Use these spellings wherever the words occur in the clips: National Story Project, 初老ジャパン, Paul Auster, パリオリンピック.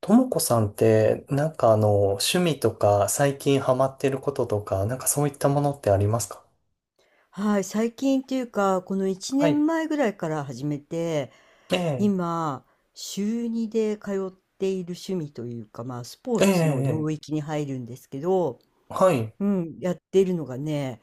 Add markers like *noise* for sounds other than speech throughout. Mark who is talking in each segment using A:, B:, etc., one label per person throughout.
A: ともこさんって、なんか趣味とか、最近ハマってることとか、なんかそういったものってありますか？
B: はい、最近っていうか、この1
A: はい。
B: 年前ぐらいから始めて、
A: ええ、
B: 今、週2で通っている趣味というか、まあ、スポ
A: え
B: ーツの
A: え、え
B: 領
A: え。
B: 域に入るんですけど、
A: はい。
B: うん、やっているのがね、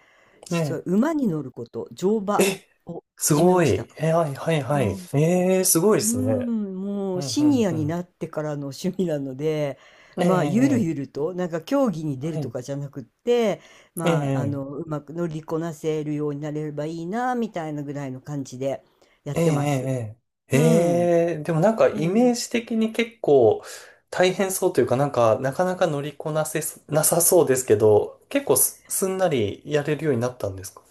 A: え
B: 実は
A: え、
B: 馬に乗ること、乗馬
A: え、
B: を
A: す
B: 始め
A: ご
B: ました。
A: い。え、はい、はい、はい。ええ、すごい
B: う
A: で
B: ー
A: すね。
B: ん、も
A: う
B: う
A: ん、
B: シ
A: う
B: ニ
A: ん、
B: ア
A: う
B: に
A: ん。
B: なってからの趣味なので、
A: え
B: まあ、ゆる
A: え、ええ。
B: ゆると、なんか競技に出
A: は
B: ると
A: い。
B: かじゃなくって、
A: え
B: まあ、
A: え、
B: うまく乗りこなせるようになれればいいな、みたいなぐらいの感じでやっ
A: ええ、
B: てます。
A: ええ、え
B: うん。
A: えええ、でもなんか
B: そ
A: イ
B: ん
A: メ
B: な
A: ージ的に結構大変そうというか、なんかなかなか乗りこなせそ、なさそうですけど、結構すんなりやれるようになったんですか？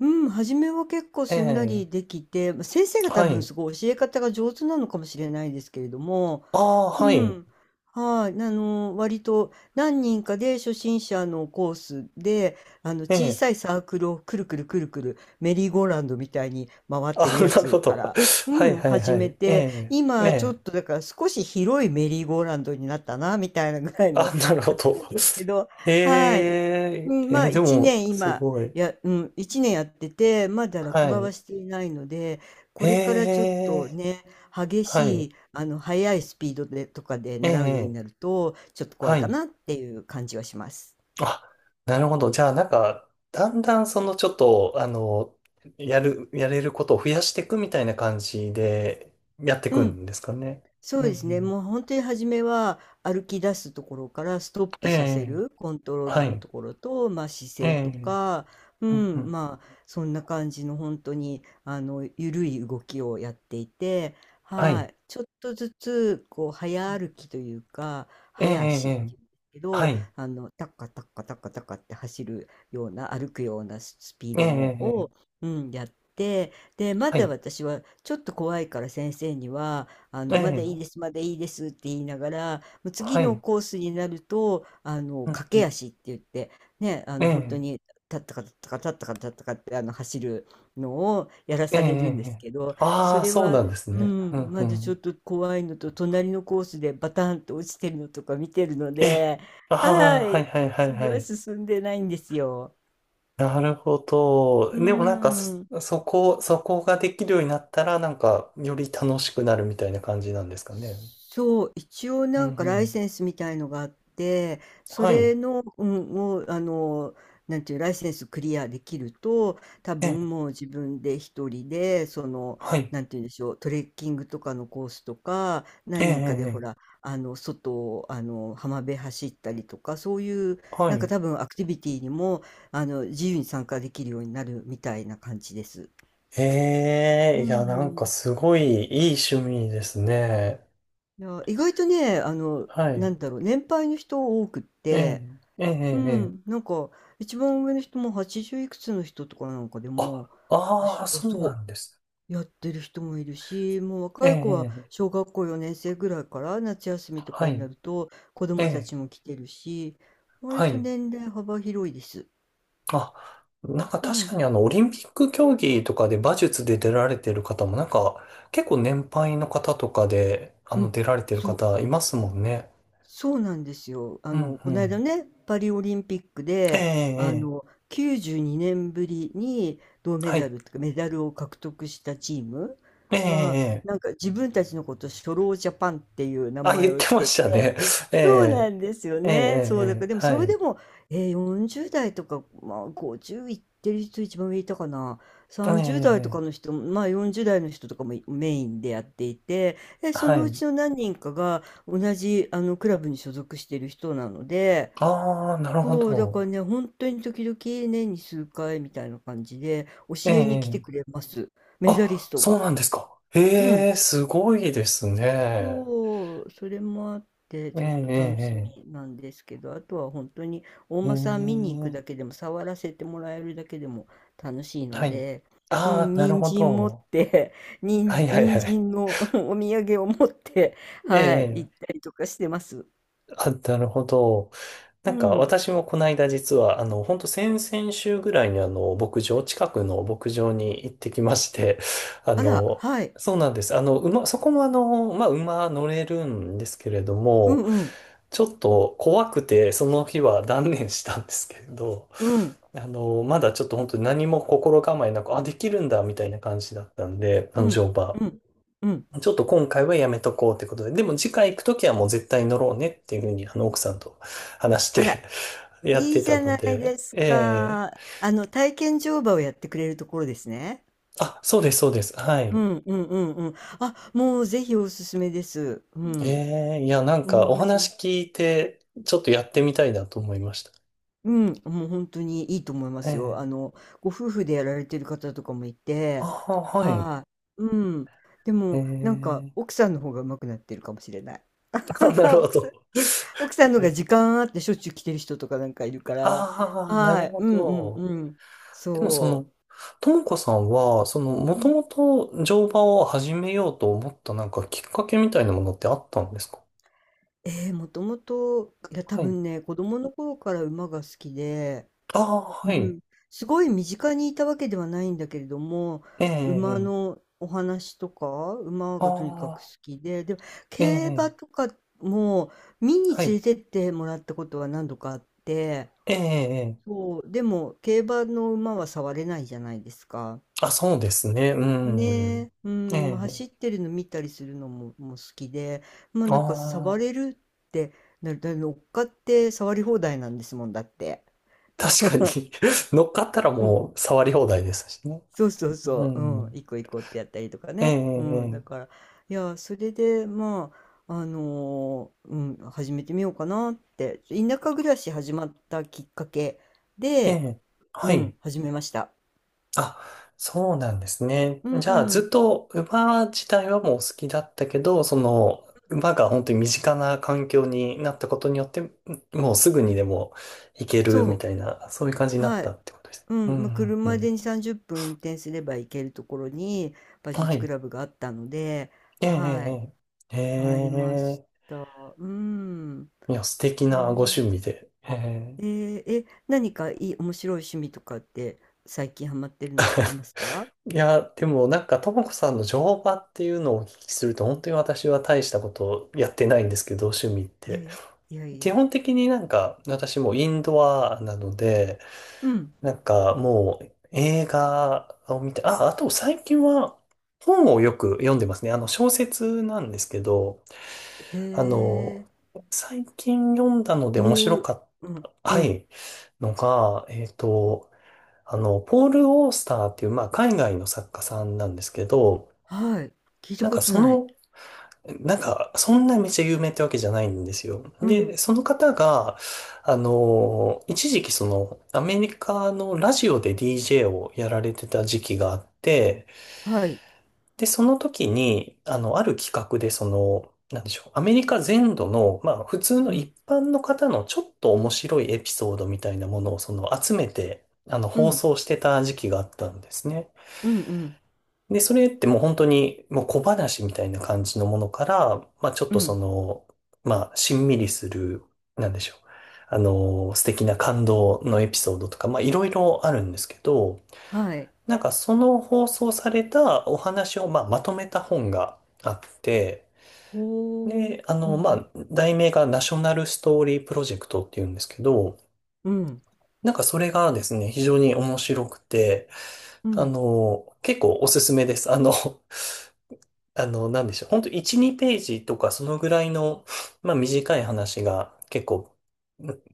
B: うん、初めは結構
A: え
B: すんな
A: え、
B: りできて、まあ先生が多
A: は
B: 分
A: い。
B: すごい教え方が上手なのかもしれないですけれども、
A: ああ、
B: う
A: はい。
B: ん。はい。割と何人かで初心者のコースで、
A: え
B: 小
A: え、
B: さいサークルをくるくるくるくる、メリーゴーラウンドみたいに回ってる
A: あ、*laughs*
B: や
A: なるほ
B: つか
A: ど。
B: ら、
A: *laughs*
B: う
A: はい
B: ん、
A: はい
B: 始
A: は
B: め
A: い。え
B: て、
A: え、え
B: 今ちょっ
A: え、
B: とだから少し広いメリーゴーラウンドになったな、みたいなぐらいの
A: あ、*laughs* なるほ
B: 感じ
A: ど。
B: なんですけど、
A: え
B: はい。う
A: え、
B: ん、
A: え
B: まあ、
A: え、で
B: 一
A: も、
B: 年
A: す
B: 今、
A: ごい。
B: や、うん、一年やってて、まだ落
A: は
B: 馬
A: い。
B: はしていないので、
A: え
B: これからちょっと
A: え、
B: ね、激
A: は
B: し
A: い。
B: い、速いスピードでとかで
A: え
B: 習うように
A: え、
B: なると、ちょっと怖
A: は
B: いか
A: い。
B: なっていう感じはします。
A: あ、なるほど。じゃあ、なんか、だんだん、その、ちょっと、やれることを増やしていくみたいな感じで、やっていく
B: うん。
A: んですかね。
B: そう
A: うんう
B: ですね。
A: ん。
B: もう本当に初めは歩き出すところからストッ
A: え
B: プさせ
A: え、
B: るコントロール
A: は
B: の
A: い。
B: ところと、まあ、姿
A: え
B: 勢と
A: え、
B: か、う
A: うんう
B: ん、
A: ん。
B: まあそんな感じの本当に緩い動きをやっていて、
A: は
B: は
A: い。
B: い、ちょっとずつこう早歩きというか
A: ええ、
B: 早足
A: え
B: っ
A: え、
B: ていうんですけ
A: は
B: ど、
A: い。
B: タッカタッカタッカタッカって走るような歩くようなスピー
A: ええ、
B: ドの
A: ええ、
B: を、うん、やって、でま
A: は
B: だ
A: い。
B: 私はちょっと怖いから先生には。
A: え
B: まだいいで
A: え、
B: す、まだいいですって言いながら、もう
A: は
B: 次の
A: い。
B: コースになると、
A: うん
B: 駆
A: う
B: け
A: ん、
B: 足って言って、ね、
A: え
B: 本当
A: え、
B: に、立ったか立ったか立ったか立ったかって、走るのをやら
A: ええ、
B: されるんです
A: え、
B: けど、
A: ああ
B: そ
A: ー、
B: れ
A: そう
B: は、
A: なんです
B: う
A: ね。う
B: ん、
A: んう
B: まずちょっ
A: ん。
B: と怖いのと、隣のコースでバタンと落ちてるのとか見てるの
A: え、
B: で、は
A: ああ、はい
B: い、
A: はいはい
B: それ
A: は
B: は
A: い。
B: 進んでないんですよ。
A: なるほど。
B: う
A: でもなんか
B: ん。
A: そこができるようになったら、なんか、より楽しくなるみたいな感じなんですかね。
B: そう、一応
A: うん
B: なんか
A: う
B: ライ
A: ん。
B: センスみたいのがあって、そ
A: は
B: れ
A: い。
B: の、うん、もう、なんていう、ライセンスクリアできると、多
A: ええ、
B: 分もう自分で一人で、
A: はい。
B: なんていうんでしょう、トレッキングとかのコースとか、
A: ええ、え
B: 何人かでほら、
A: え、
B: 外を、浜辺走ったりとか、そういう、
A: は
B: なんか
A: い。
B: 多分アクティビティにも、自由に参加できるようになるみたいな感じです。
A: え
B: う
A: え、いや、なんか
B: ん。
A: すごいいい趣味ですね。
B: いや、意外とね、
A: は
B: な
A: い。
B: んだろう、年配の人多くっ
A: ええ、
B: て、
A: ええ、え
B: う
A: え。え
B: ん、
A: え、
B: なんか、一番上の人も80いくつの人とかなんかでも、
A: あ、
B: 予
A: ああ、
B: しあ、
A: そうな
B: そ
A: んです。
B: う、やってる人もいるし、もう
A: え
B: 若い子は
A: え、ええ。
B: 小学校4年生ぐらいから夏休みと
A: は
B: かにな
A: い。
B: ると子
A: え
B: 供た
A: え、
B: ちも来てるし、割
A: は
B: と
A: い。
B: 年齢幅広いです。
A: あ、なんか
B: う
A: 確か
B: ん、
A: にオリンピック競技とかで馬術で出られてる方も、なんか、結構年配の方とかで、
B: うん、
A: 出られてる
B: そう。
A: 方いますもんね。
B: そうなんですよ。
A: うん、う
B: こないだ
A: ん。
B: ね、パリオリンピック
A: ええ、
B: で、
A: え
B: 92年ぶりに銅
A: え、
B: メ
A: は
B: ダ
A: い。
B: ルとかメダルを獲得したチーム
A: ええ、
B: は、
A: ええ。
B: なんか自分たちのこと初老ジャパンっていう名
A: あ、
B: 前
A: 言っ
B: を
A: て
B: つ
A: ま
B: け
A: した
B: て、
A: ね。*laughs* え
B: そうな
A: え、
B: んですよ
A: え
B: ね。そうだから、
A: え、え
B: で
A: え、
B: も
A: は
B: それで
A: い。
B: も、40代とか、まあ50いってる人一番上いたかな。
A: え
B: 30代とか
A: え、ええ、
B: の人、まあ40代の人とかもメインでやっていて、で、そ
A: はい、え
B: の
A: ええ、
B: う
A: はい。
B: ちの何人かが、同じあのクラブに所属している人なので、
A: ああ、なるほ
B: そう、だ
A: ど。
B: からね、本当に時々年に数回みたいな感じで教
A: え
B: えに来
A: え、
B: てく
A: ええ、
B: れます。メダリ
A: あ、
B: スト
A: そう
B: が。
A: なんですか。
B: うん。
A: へえ、すごいですね。
B: そう、それもあって
A: ええ、
B: ちょっと
A: ええ、
B: 楽し
A: ええ。
B: みなんですけど、あとは本当にお
A: うー
B: 馬さん見に行く
A: ん。
B: だけでも、触らせてもらえるだけでも楽しいの
A: はい。
B: で、う
A: あ
B: ん、
A: あ、なる
B: 人
A: ほ
B: 参持っ
A: ど。
B: て、*laughs* 人
A: は
B: 参
A: いはいは
B: 人
A: い。
B: 参の *laughs* お土産を持って、
A: え
B: はい、
A: え、
B: 行ったりとかしてます。
A: あ、なるほど。
B: う
A: なんか
B: ん。
A: 私もこの間実は、本当先々週ぐらいに牧場、近くの牧場に行ってきまして、*laughs* あ
B: あら、
A: の、
B: はい。
A: そうなんです。あの、馬、そこもあの、まあ、馬乗れるんですけれど
B: う
A: も、
B: んうん。
A: ちょっと怖くて、その日は断念したんですけれど、
B: うん。
A: あの、まだちょっと本当に何も心構えなく、あ、できるんだ、みたいな感じだったんで、あ
B: う
A: の、
B: ん。
A: 乗馬。
B: うん。うん。
A: ちょっと今回はやめとこうってことで、でも次回行くときはもう絶対乗ろうねっていうふうに、あの、奥さんと話し
B: あ
A: て
B: ら、
A: やっ
B: いい
A: て
B: じ
A: た
B: ゃ
A: の
B: ないで
A: で、
B: す
A: え
B: か。
A: え、
B: 体験乗馬をやってくれるところですね。
A: あ、そうです、そうです。は
B: う
A: い。
B: んうんうんうん。あ、もうぜひおすすめです。うん。
A: ええ、いや、なん
B: うん、
A: かお話聞いて、ちょっとやってみたいなと思いました。
B: もう本当にいいと思いま
A: え
B: すよ。
A: え、
B: ご夫婦でやられてる方とかもい
A: あ、
B: て、
A: はい。
B: はい。うん。で
A: え
B: も、なんか、
A: え、
B: 奥さんの方が上手くなってるかもしれない。
A: *laughs* あ、
B: *laughs*
A: なるほ
B: 奥さん
A: ど。
B: 奥さんのが時間あってしょっちゅう来てる人とかなんかいるから、
A: ああ、な
B: は
A: る
B: い、
A: ほ
B: うんうん
A: ど。
B: うん。
A: でもそ
B: そ
A: の、ともこさんは、その、も
B: うう
A: と
B: ん。
A: もと乗馬を始めようと思ったなんかきっかけみたいなものってあったんですか？
B: ええ、もともと、いや多
A: はい。
B: 分ね、子供の頃から馬が好きで、
A: ああ、
B: う
A: はい。
B: ん、すごい身近にいたわけではないんだけれども、
A: え
B: 馬
A: えええ、
B: のお話とか、馬
A: あ
B: がとにかく好
A: あ、
B: きで、でも
A: え
B: 競馬と
A: え。
B: かも見に
A: は
B: 連れ
A: い。
B: てってもらったことは何度かあって、
A: ええええ、
B: そう、でも競馬の馬は触れないじゃないですか。
A: あ、そうですね。う
B: ね
A: ん。
B: え、う
A: え
B: ん、まあ、
A: え。
B: 走ってるの見たりするのも、もう好きで、まあ
A: あ
B: なんか触
A: あ、
B: れるってだ乗っかって触り放題なんですもんだって。
A: 確かに *laughs* 乗っかったら
B: *laughs* うん
A: もう触り放題ですしね。
B: そうそう
A: う
B: そう、うん、
A: ん。
B: 行こう行こうってやったりとか
A: え
B: ね。うん、だ
A: え、
B: から、いや、それで、まあ、始めてみようかなって、田舎暮らし始まったきっかけ
A: ええ、え
B: で、
A: え。は
B: うん、
A: い。
B: 始めました。
A: あ、そうなんですね。
B: う
A: じゃあ、ずっ
B: ん、
A: と馬自体はもう好きだったけど、その、馬が本当に身近な環境になったことによって、もうすぐにでも行ける
B: そ
A: み
B: う。
A: たいな、そういう感じになっ
B: は
A: た
B: い。
A: ってことです。
B: う
A: うん、
B: ん、まあ、
A: うん、う
B: 車で
A: ん。
B: に30分運転すれば行けるところに、馬
A: は
B: 術ク
A: い。
B: ラブがあったので、
A: え
B: はい、
A: え、ええ。え
B: 入りま
A: え、へ
B: し
A: え、
B: た。うん。
A: いや、素敵
B: へえ
A: なご趣
B: ー。
A: 味で。へえ、
B: ええ、何かいい面白い趣味とかって、最近ハマってるのってありますか？
A: いや、でもなんか、ともこさんの乗馬っていうのをお聞きすると、本当に私は大したことやってないんですけど、趣味っ
B: いや
A: て。
B: いや、いやい
A: 基
B: や。
A: 本的になんか、私もインドアなので、
B: うん。
A: なんかもう映画を見て、あ、あと最近は本をよく読んでますね。あの、小説なんですけど、
B: へ
A: あの、
B: え。
A: 最近読んだので面
B: ど
A: 白か
B: う
A: っ
B: うん、
A: た。
B: う
A: は
B: ん、
A: い。のが、あの、ポール・オースターっていう、まあ、海外の作家さんなんですけど、
B: はい。聞いた
A: なん
B: こ
A: か
B: と
A: そ
B: ない。
A: の、なんか、そんなめっちゃ有名ってわけじゃないんですよ。
B: う
A: で、
B: ん、
A: その方が、あの、一時期その、アメリカのラジオで DJ をやられてた時期があって、
B: はい。
A: で、その時に、あの、ある企画で、その、なんでしょう、アメリカ全土の、まあ、普通の
B: う
A: 一
B: ん、
A: 般の方のちょっと面白いエピソードみたいなものを、その、集めて、あの、
B: う
A: 放
B: ん、
A: 送してた時期があったんですね。
B: うんうん、
A: で、それってもう本当にもう小話みたいな感じのものから、まあちょっ
B: う
A: とそ
B: ん、
A: の、まあしんみりする、なんでしょう。あの、素敵な感動のエピソードとか、まあいろいろあるんですけど、
B: はい。
A: なんかその放送されたお話を、まあ、まとめた本があって、
B: ほお。
A: で、あ
B: う
A: の、
B: ん
A: ま
B: うん。
A: あ、題名がナショナルストーリープロジェクトっていうんですけど、
B: うん、
A: なんかそれがですね、非常に面白くて、
B: う
A: あ
B: ん。
A: の、結構おすすめです。あの、あの、なんでしょう。ほんと1、2ページとかそのぐらいの、まあ短い話が結構、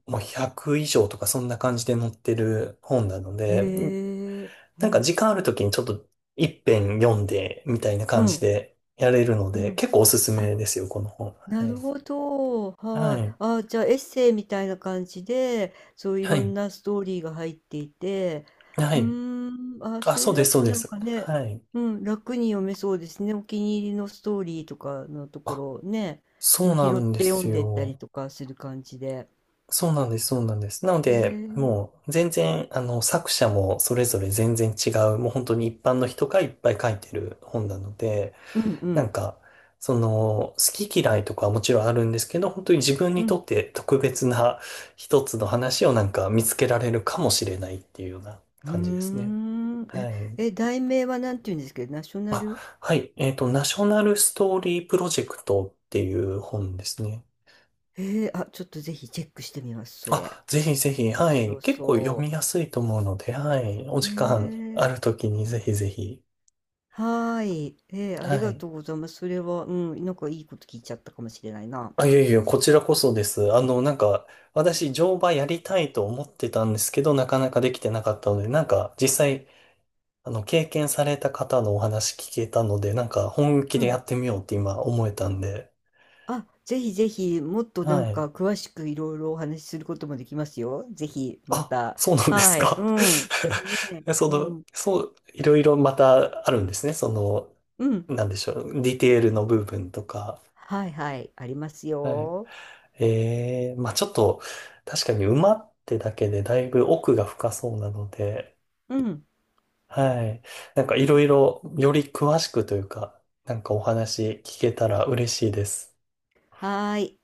A: ん、もう100以上とかそんな感じで載ってる本なので、ん、
B: へえ、う
A: なんか
B: ん、
A: 時間ある時にちょっと一遍読んでみたいな
B: う
A: 感じ
B: ん、
A: でやれるの
B: う
A: で、
B: ん。
A: 結構おすす
B: あ、
A: めですよ、この本。
B: な
A: は
B: る
A: い。
B: ほど、
A: は
B: はい。
A: い。
B: あ、じゃあエッセイみたいな感じで、そうい
A: は
B: ろ
A: い。
B: んなストーリーが入っていて、
A: は
B: う
A: い。
B: ーん、あ、
A: あ、
B: そ
A: そ
B: れ
A: うで
B: だ
A: す、そ
B: と
A: うで
B: なん
A: す。
B: かね、
A: はい。
B: うん、楽に読めそうですね。お気に入りのストーリーとかのとこ
A: あ、
B: ろをね、う
A: そう
B: ん、
A: な
B: 拾っ
A: んで
B: て読
A: す
B: んでったり
A: よ。
B: とかする感じで。
A: そうなんです、そうなんです。なの
B: へえ、う
A: で、
B: ん
A: もう全然、あの、作者もそれぞれ全然違う、もう本当に一般の人がいっぱい書いてる本なので、
B: う
A: な
B: ん
A: んか、その、好き嫌いとかはもちろんあるんですけど、本当に自分
B: う
A: にと
B: ん。
A: って特別な一つの話をなんか見つけられるかもしれないっていうような
B: うー
A: 感じですね。
B: ん。え、
A: はい。
B: え、題名はなんて言うんですけど、ナショナル。
A: あ、はい。えっと、ナショナルストーリープロジェクトっていう本ですね。
B: へえ、あ、ちょっとぜひチェックしてみます、それ。
A: あ、ぜひぜひ、
B: 面
A: はい。
B: 白
A: 結構読
B: そ
A: みやすいと思うので、はい。お
B: う。へ
A: 時間あ
B: え、
A: るときにぜひぜひ。
B: はーい。ええ、あ
A: は
B: りが
A: い。
B: とうございます。それは、うん、なんかいいこと聞いちゃったかもしれないな。
A: あ、いやいや、こちらこそです。あの、なんか、私、乗馬やりたいと思ってたんですけど、なかなかできてなかったので、なんか、実際、あの、経験された方のお話聞けたので、なんか、本気
B: う
A: でや
B: ん。
A: ってみようって今思えたんで、
B: あ、ぜひぜひ、もっとなん
A: はい。
B: か詳しくいろいろお話しすることもできますよ。ぜひ、ま
A: あ、
B: た。
A: そうなんです
B: はい。う
A: か。
B: ん。ねえ、
A: *laughs* そ
B: う
A: の、
B: ん。
A: そう、いろいろまたあるんですね。その、
B: うん。
A: なんでしょう。ディテールの部分とか。
B: はいはい。あります
A: はい。
B: よ。
A: ええ、まあちょっと、確かに馬ってだけでだいぶ奥が深そうなので、
B: うん。
A: はい。なんかいろいろより詳しくというか、なんかお話聞けたら嬉しいです。
B: はーい。